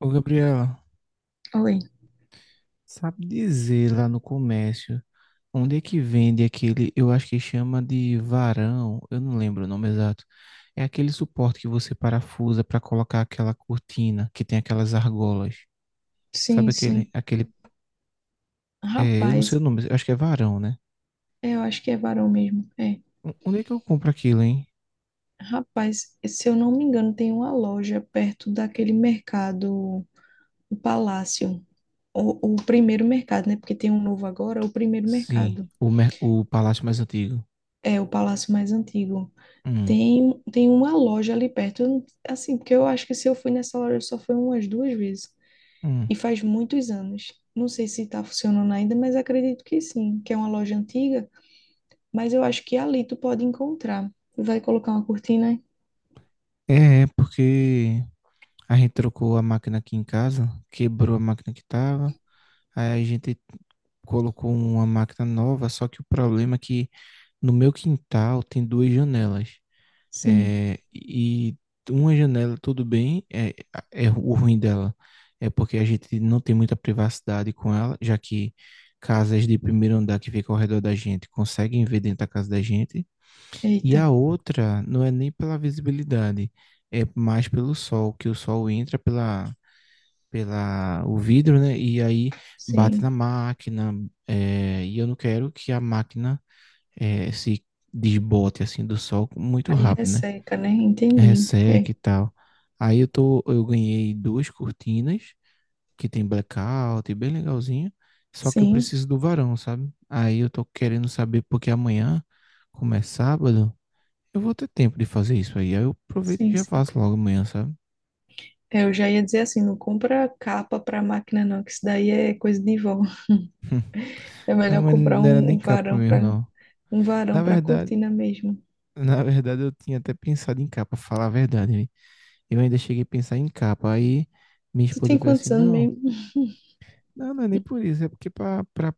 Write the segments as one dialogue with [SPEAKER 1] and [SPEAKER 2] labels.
[SPEAKER 1] Ô, Gabriela,
[SPEAKER 2] Oi.
[SPEAKER 1] sabe dizer lá no comércio onde é que vende aquele, eu acho que chama de varão, eu não lembro o nome exato. É aquele suporte que você parafusa para colocar aquela cortina que tem aquelas argolas. Sabe
[SPEAKER 2] Sim, sim.
[SPEAKER 1] eu não
[SPEAKER 2] Rapaz,
[SPEAKER 1] sei o nome, eu acho que é varão, né?
[SPEAKER 2] eu acho que é varão mesmo. É.
[SPEAKER 1] Onde é que eu compro aquilo, hein?
[SPEAKER 2] Rapaz, se eu não me engano, tem uma loja perto daquele mercado, o Palácio. O primeiro mercado, né? Porque tem um novo agora, o primeiro
[SPEAKER 1] Sim,
[SPEAKER 2] mercado.
[SPEAKER 1] o palácio mais antigo.
[SPEAKER 2] É, o palácio mais antigo.
[SPEAKER 1] Hum,
[SPEAKER 2] Tem uma loja ali perto. Eu não- Assim, porque eu acho que se eu fui nessa loja só foi umas duas vezes.
[SPEAKER 1] hum.
[SPEAKER 2] E faz muitos anos. Não sei se tá funcionando ainda, mas acredito que sim. Que é uma loja antiga. Mas eu acho que ali tu pode encontrar. Tu vai colocar uma cortina?
[SPEAKER 1] Porque a gente trocou a máquina aqui em casa, quebrou a máquina que tava. Aí a gente colocou uma máquina nova, só que o problema é que no meu quintal tem duas janelas.
[SPEAKER 2] Sim.
[SPEAKER 1] É, e uma janela, tudo bem, é o ruim dela. É porque a gente não tem muita privacidade com ela, já que casas de primeiro andar que ficam ao redor da gente conseguem ver dentro da casa da gente. E
[SPEAKER 2] Eita,
[SPEAKER 1] a outra não é nem pela visibilidade, é mais pelo sol, que o sol entra pela o vidro, né? E aí bate na
[SPEAKER 2] sim.
[SPEAKER 1] máquina, e eu não quero que a máquina se desbote assim do sol muito
[SPEAKER 2] Aí
[SPEAKER 1] rápido, né?
[SPEAKER 2] resseca, né? Entendi.
[SPEAKER 1] Resseca
[SPEAKER 2] É.
[SPEAKER 1] e tal. Eu ganhei duas cortinas que tem blackout, bem legalzinho. Só que eu
[SPEAKER 2] Sim,
[SPEAKER 1] preciso do varão, sabe? Aí eu tô querendo saber porque amanhã, como é sábado, eu vou ter tempo de fazer isso aí. Aí eu aproveito
[SPEAKER 2] sim,
[SPEAKER 1] e já
[SPEAKER 2] sim.
[SPEAKER 1] faço logo amanhã, sabe?
[SPEAKER 2] É, eu já ia dizer assim, não compra capa para máquina não, que isso daí é coisa de vó. É
[SPEAKER 1] Não,
[SPEAKER 2] melhor
[SPEAKER 1] mas
[SPEAKER 2] comprar
[SPEAKER 1] não era
[SPEAKER 2] um,
[SPEAKER 1] nem
[SPEAKER 2] um
[SPEAKER 1] capa
[SPEAKER 2] varão
[SPEAKER 1] mesmo,
[SPEAKER 2] para
[SPEAKER 1] não.
[SPEAKER 2] um
[SPEAKER 1] Na
[SPEAKER 2] varão para
[SPEAKER 1] verdade,
[SPEAKER 2] cortina mesmo.
[SPEAKER 1] Na verdade, eu tinha até pensado em capa, pra falar a verdade, né? Eu ainda cheguei a pensar em capa. Aí minha
[SPEAKER 2] Tu
[SPEAKER 1] esposa
[SPEAKER 2] tem
[SPEAKER 1] falou assim:
[SPEAKER 2] quantos anos
[SPEAKER 1] não,
[SPEAKER 2] mesmo?
[SPEAKER 1] não, não é nem por isso, é porque pra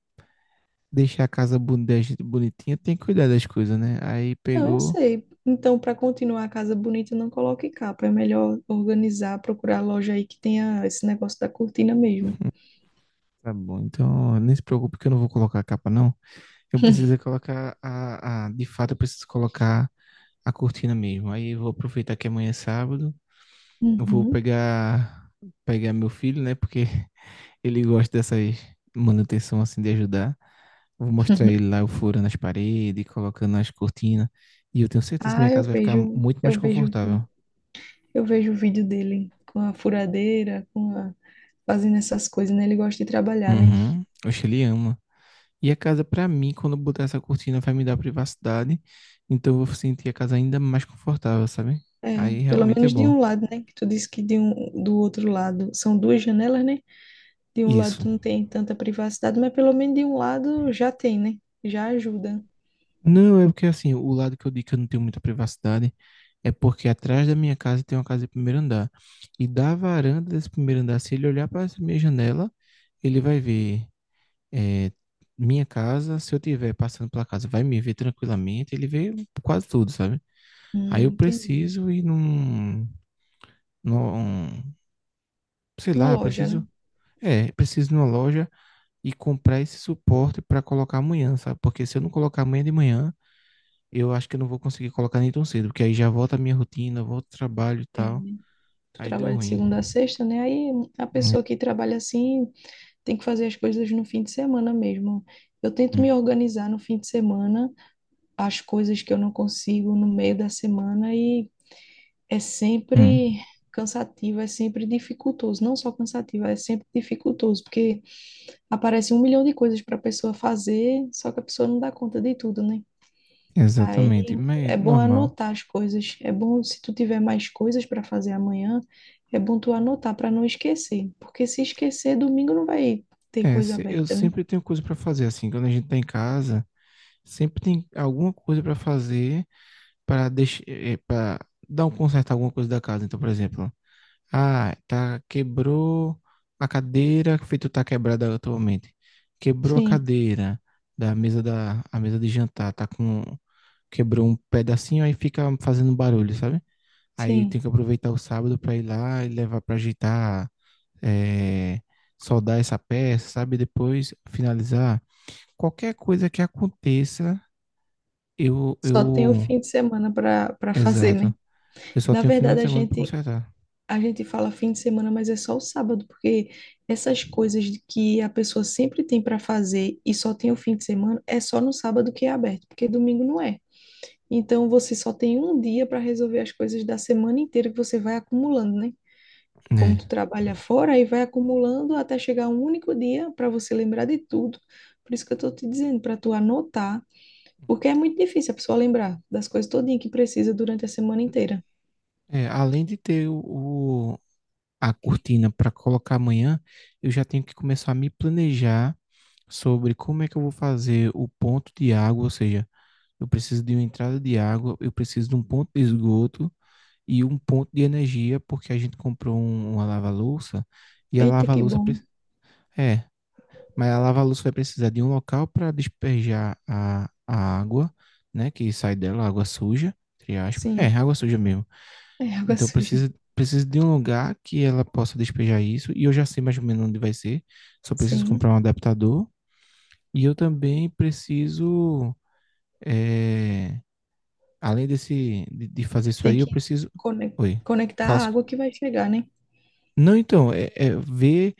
[SPEAKER 1] deixar a casa da gente bonitinha tem que cuidar das coisas, né? Aí
[SPEAKER 2] Não, eu
[SPEAKER 1] pegou,
[SPEAKER 2] sei. Então, para continuar a casa bonita, não coloque capa. É melhor organizar, procurar loja aí que tenha esse negócio da cortina mesmo.
[SPEAKER 1] tá bom, então nem se preocupe que eu não vou colocar a capa, não. Eu preciso é colocar a. De fato, eu preciso colocar a cortina mesmo. Aí eu vou aproveitar que amanhã é sábado, eu vou
[SPEAKER 2] Uhum.
[SPEAKER 1] pegar, pegar meu filho, né? Porque ele gosta dessas manutenção assim de ajudar. Vou mostrar ele lá, eu furando as paredes, colocando as cortinas. E eu tenho certeza que
[SPEAKER 2] Ah,
[SPEAKER 1] minha
[SPEAKER 2] eu
[SPEAKER 1] casa vai ficar
[SPEAKER 2] vejo,
[SPEAKER 1] muito mais confortável.
[SPEAKER 2] eu vejo o vídeo dele com a furadeira, fazendo essas coisas, né? Ele gosta de trabalhar, né?
[SPEAKER 1] Uhum. Acho que ele ama. E a casa, pra mim, quando eu botar essa cortina, vai me dar privacidade. Então eu vou sentir a casa ainda mais confortável, sabe?
[SPEAKER 2] É,
[SPEAKER 1] Aí
[SPEAKER 2] pelo
[SPEAKER 1] realmente é
[SPEAKER 2] menos de
[SPEAKER 1] bom.
[SPEAKER 2] um lado, né? Que tu disse que do outro lado são duas janelas, né? De um lado
[SPEAKER 1] Isso.
[SPEAKER 2] tu não tem tanta privacidade, mas pelo menos de um lado já tem, né? Já ajuda.
[SPEAKER 1] Não, é porque assim, o lado que eu digo que eu não tenho muita privacidade é porque atrás da minha casa tem uma casa de primeiro andar. E da varanda desse primeiro andar, se ele olhar para essa minha janela, ele vai ver é, minha casa, se eu tiver passando pela casa, vai me ver tranquilamente, ele vê quase tudo, sabe? Aí eu
[SPEAKER 2] Entendi.
[SPEAKER 1] preciso ir num, num, sei
[SPEAKER 2] Uma
[SPEAKER 1] lá,
[SPEAKER 2] loja, né?
[SPEAKER 1] preciso, é, preciso ir numa loja e comprar esse suporte para colocar amanhã, sabe? Porque se eu não colocar amanhã de manhã, eu acho que eu não vou conseguir colocar nem tão cedo, porque aí já volta a minha rotina, volta o trabalho e
[SPEAKER 2] É,
[SPEAKER 1] tal,
[SPEAKER 2] né? Tu
[SPEAKER 1] aí deu
[SPEAKER 2] trabalha de
[SPEAKER 1] ruim.
[SPEAKER 2] segunda a sexta, né? Aí a
[SPEAKER 1] Hum,
[SPEAKER 2] pessoa que trabalha assim tem que fazer as coisas no fim de semana mesmo. Eu tento me
[SPEAKER 1] hum,
[SPEAKER 2] organizar no fim de semana as coisas que eu não consigo no meio da semana e é sempre
[SPEAKER 1] hum.
[SPEAKER 2] cansativo, é sempre dificultoso, não só cansativo, é sempre dificultoso, porque aparece um milhão de coisas para a pessoa fazer, só que a pessoa não dá conta de tudo, né? Aí
[SPEAKER 1] Exatamente, mas
[SPEAKER 2] é bom
[SPEAKER 1] normal.
[SPEAKER 2] anotar as coisas, é bom se tu tiver mais coisas para fazer amanhã, é bom tu anotar para não esquecer, porque se esquecer, domingo não vai ter coisa
[SPEAKER 1] Eu
[SPEAKER 2] aberta, né?
[SPEAKER 1] sempre tenho coisa para fazer assim, quando a gente tá em casa, sempre tem alguma coisa para fazer para deixar, para dar um conserto em alguma coisa da casa. Então, por exemplo, ah, quebrou a cadeira, feito tá quebrada atualmente. Quebrou a
[SPEAKER 2] Sim,
[SPEAKER 1] cadeira da mesa da a mesa de jantar, tá com quebrou um pedacinho aí fica fazendo barulho, sabe? Aí tem
[SPEAKER 2] sim.
[SPEAKER 1] que aproveitar o sábado para ir lá e levar para ajeitar, é, soldar essa peça, sabe? Depois finalizar qualquer coisa que aconteça, eu
[SPEAKER 2] Só tem o
[SPEAKER 1] eu
[SPEAKER 2] fim de semana para fazer,
[SPEAKER 1] Exato.
[SPEAKER 2] né?
[SPEAKER 1] Eu só
[SPEAKER 2] Na
[SPEAKER 1] tenho um final
[SPEAKER 2] verdade,
[SPEAKER 1] de
[SPEAKER 2] a
[SPEAKER 1] semana para
[SPEAKER 2] gente
[SPEAKER 1] consertar.
[SPEAKER 2] a gente fala fim de semana, mas é só o sábado, porque essas coisas de que a pessoa sempre tem para fazer e só tem o fim de semana, é só no sábado que é aberto, porque domingo não é. Então você só tem um dia para resolver as coisas da semana inteira que você vai acumulando, né? Como
[SPEAKER 1] Né?
[SPEAKER 2] tu trabalha fora, aí vai acumulando até chegar um único dia para você lembrar de tudo. Por isso que eu tô te dizendo, para tu anotar, porque é muito difícil a pessoa lembrar das coisas todinha que precisa durante a semana inteira.
[SPEAKER 1] É, além de ter a cortina para colocar amanhã, eu já tenho que começar a me planejar sobre como é que eu vou fazer o ponto de água, ou seja, eu preciso de uma entrada de água, eu preciso de um ponto de esgoto e um ponto de energia, porque a gente comprou uma lava-louça e a
[SPEAKER 2] Eita, que
[SPEAKER 1] lava-louça
[SPEAKER 2] bom.
[SPEAKER 1] pre- é, Mas a lava-luz vai precisar de um local para despejar a água, né? Que sai dela, água suja, entre aspas. É,
[SPEAKER 2] Sim,
[SPEAKER 1] água suja mesmo.
[SPEAKER 2] é água
[SPEAKER 1] Então
[SPEAKER 2] suja.
[SPEAKER 1] precisa de um lugar que ela possa despejar isso. E eu já sei mais ou menos onde vai ser. Só preciso
[SPEAKER 2] Sim.
[SPEAKER 1] comprar um adaptador. E eu também preciso. é, Além desse, de fazer isso
[SPEAKER 2] Tem
[SPEAKER 1] aí, eu
[SPEAKER 2] que
[SPEAKER 1] preciso.
[SPEAKER 2] cone-
[SPEAKER 1] Oi.
[SPEAKER 2] conectar a
[SPEAKER 1] Faço...
[SPEAKER 2] água que vai chegar, né?
[SPEAKER 1] Não, então, é ver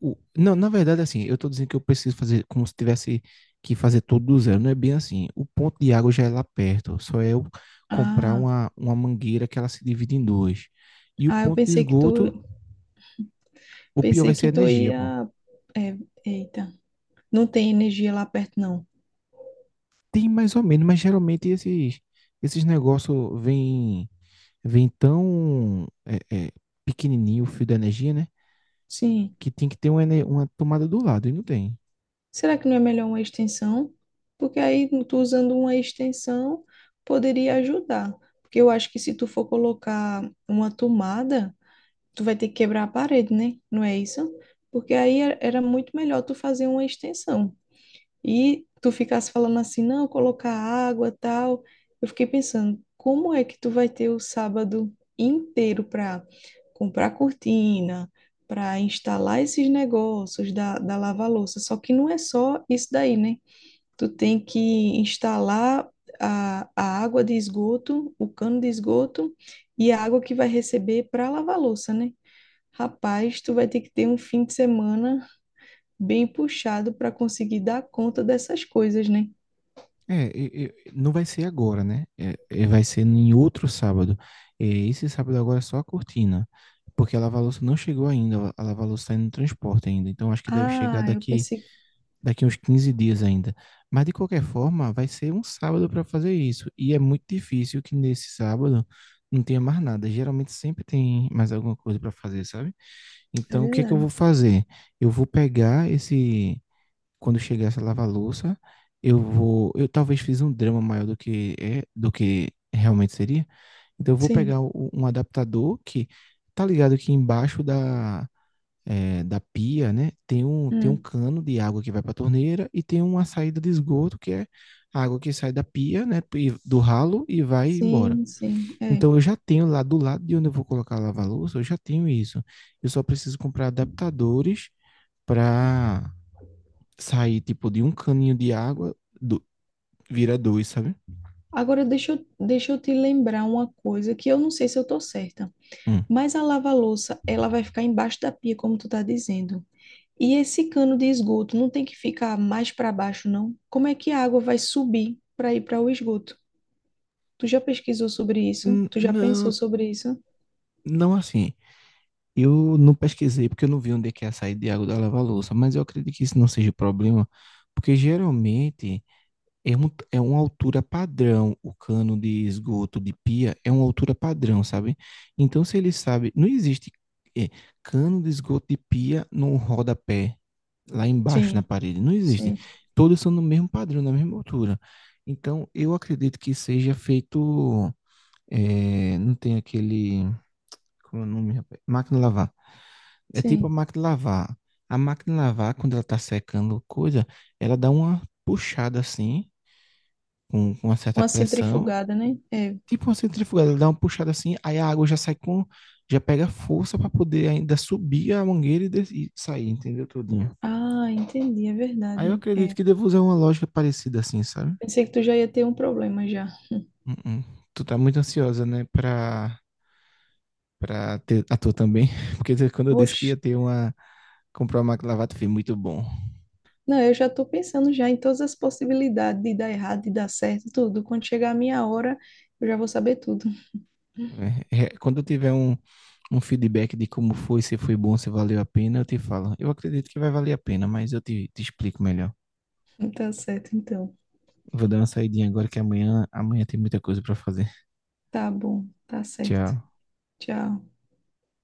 [SPEAKER 1] não, na verdade, assim, eu tô dizendo que eu preciso fazer como se tivesse que fazer tudo do zero. Não é bem assim. O ponto de água já é lá perto. Só é eu comprar
[SPEAKER 2] Ah,
[SPEAKER 1] uma mangueira que ela se divide em duas. E o
[SPEAKER 2] ah, eu
[SPEAKER 1] ponto de esgoto, o pior
[SPEAKER 2] pensei
[SPEAKER 1] vai ser
[SPEAKER 2] que
[SPEAKER 1] a
[SPEAKER 2] tu
[SPEAKER 1] energia, pô.
[SPEAKER 2] ia. É, eita, não tem energia lá perto, não.
[SPEAKER 1] Tem mais ou menos, mas geralmente esses negócios vêm tão é, é, pequenininho o fio da energia, né?
[SPEAKER 2] Sim.
[SPEAKER 1] Que tem que ter uma tomada do lado e não tem.
[SPEAKER 2] Será que não é melhor uma extensão? Porque aí tu usando uma extensão poderia ajudar. Porque eu acho que se tu for colocar uma tomada, tu vai ter que quebrar a parede, né? Não é isso? Porque aí era muito melhor tu fazer uma extensão. E tu ficasse falando assim, não, colocar água, tal. Eu fiquei pensando, como é que tu vai ter o sábado inteiro para comprar cortina, para instalar esses negócios da lava-louça? Só que não é só isso daí, né? Tu tem que instalar a água de esgoto, o cano de esgoto e a água que vai receber para lavar louça, né? Rapaz, tu vai ter que ter um fim de semana bem puxado para conseguir dar conta dessas coisas, né?
[SPEAKER 1] Não vai ser agora, né? Vai ser em outro sábado. É, esse sábado agora é só a cortina, porque a lava-louça não chegou ainda, a lava-louça está indo no transporte ainda, então acho que deve chegar
[SPEAKER 2] Ah, eu pensei que
[SPEAKER 1] daqui uns 15 dias ainda. Mas de qualquer forma, vai ser um sábado para fazer isso, e é muito difícil que nesse sábado não tenha mais nada. Geralmente sempre tem mais alguma coisa para fazer, sabe?
[SPEAKER 2] é
[SPEAKER 1] Então o que é que eu
[SPEAKER 2] verdade.
[SPEAKER 1] vou fazer? Eu vou pegar esse quando chegar essa lava-louça, eu vou, eu talvez fiz um drama maior do que é, do que realmente seria. Então eu vou
[SPEAKER 2] Sim.
[SPEAKER 1] pegar um adaptador que tá ligado que embaixo da pia, né, tem um
[SPEAKER 2] Hum.
[SPEAKER 1] cano de água que vai para a torneira e tem uma saída de esgoto que é a água que sai da pia, né, do ralo e vai embora.
[SPEAKER 2] Sim, sim, é.
[SPEAKER 1] Então eu já tenho lá do lado de onde eu vou colocar a lava-louça, eu já tenho isso. Eu só preciso comprar adaptadores para sair, tipo, de um caninho de água, do, vira dois, sabe?
[SPEAKER 2] Agora deixa eu te lembrar uma coisa que eu não sei se eu tô certa,
[SPEAKER 1] Um.
[SPEAKER 2] mas a lava-louça, ela vai ficar embaixo da pia, como tu tá dizendo. E esse cano de esgoto não tem que ficar mais para baixo, não? Como é que a água vai subir para ir para o esgoto? Tu já pesquisou sobre isso? Tu já pensou
[SPEAKER 1] Não,
[SPEAKER 2] sobre isso?
[SPEAKER 1] não assim. Eu não pesquisei porque eu não vi onde é que é a saída de água da lava-louça, mas eu acredito que isso não seja problema, porque geralmente é uma altura padrão, o cano de esgoto de pia é uma altura padrão, sabe? Então, se ele sabe, não existe é, cano de esgoto de pia num rodapé lá embaixo na
[SPEAKER 2] Sim,
[SPEAKER 1] parede, não existe.
[SPEAKER 2] sim,
[SPEAKER 1] Todos são no mesmo padrão, na mesma altura. Então, eu acredito que seja feito, não tem aquele, como é o nome, rapaz? Máquina de lavar. É tipo a
[SPEAKER 2] sim.
[SPEAKER 1] máquina de lavar. A máquina de lavar, quando ela tá secando coisa, ela dá uma puxada assim, com uma certa
[SPEAKER 2] Uma
[SPEAKER 1] pressão,
[SPEAKER 2] centrifugada, né? É.
[SPEAKER 1] tipo uma centrifugada, ele dá uma puxada assim, aí a água já sai já pega força para poder ainda subir a mangueira e sair, entendeu? Tudinho.
[SPEAKER 2] Ah, entendi, é
[SPEAKER 1] Aí eu
[SPEAKER 2] verdade.
[SPEAKER 1] acredito
[SPEAKER 2] É,
[SPEAKER 1] que devo usar uma lógica parecida assim, sabe?
[SPEAKER 2] pensei que tu já ia ter um problema já.
[SPEAKER 1] Uh-uh. Tu tá muito ansiosa, né, pra ter a tua também, porque quando eu disse que
[SPEAKER 2] Oxe,
[SPEAKER 1] ia ter comprar uma máquina de lavar, tu fez muito bom.
[SPEAKER 2] não, eu já tô pensando já em todas as possibilidades de dar errado, de dar certo, tudo. Quando chegar a minha hora, eu já vou saber tudo.
[SPEAKER 1] Quando eu tiver um feedback de como foi, se foi bom, se valeu a pena, eu te falo. Eu acredito que vai valer a pena, mas eu te explico melhor.
[SPEAKER 2] Tá certo, então.
[SPEAKER 1] Vou dar uma saidinha agora que amanhã tem muita coisa pra fazer.
[SPEAKER 2] Tá bom, tá certo.
[SPEAKER 1] Tchau.
[SPEAKER 2] Tchau.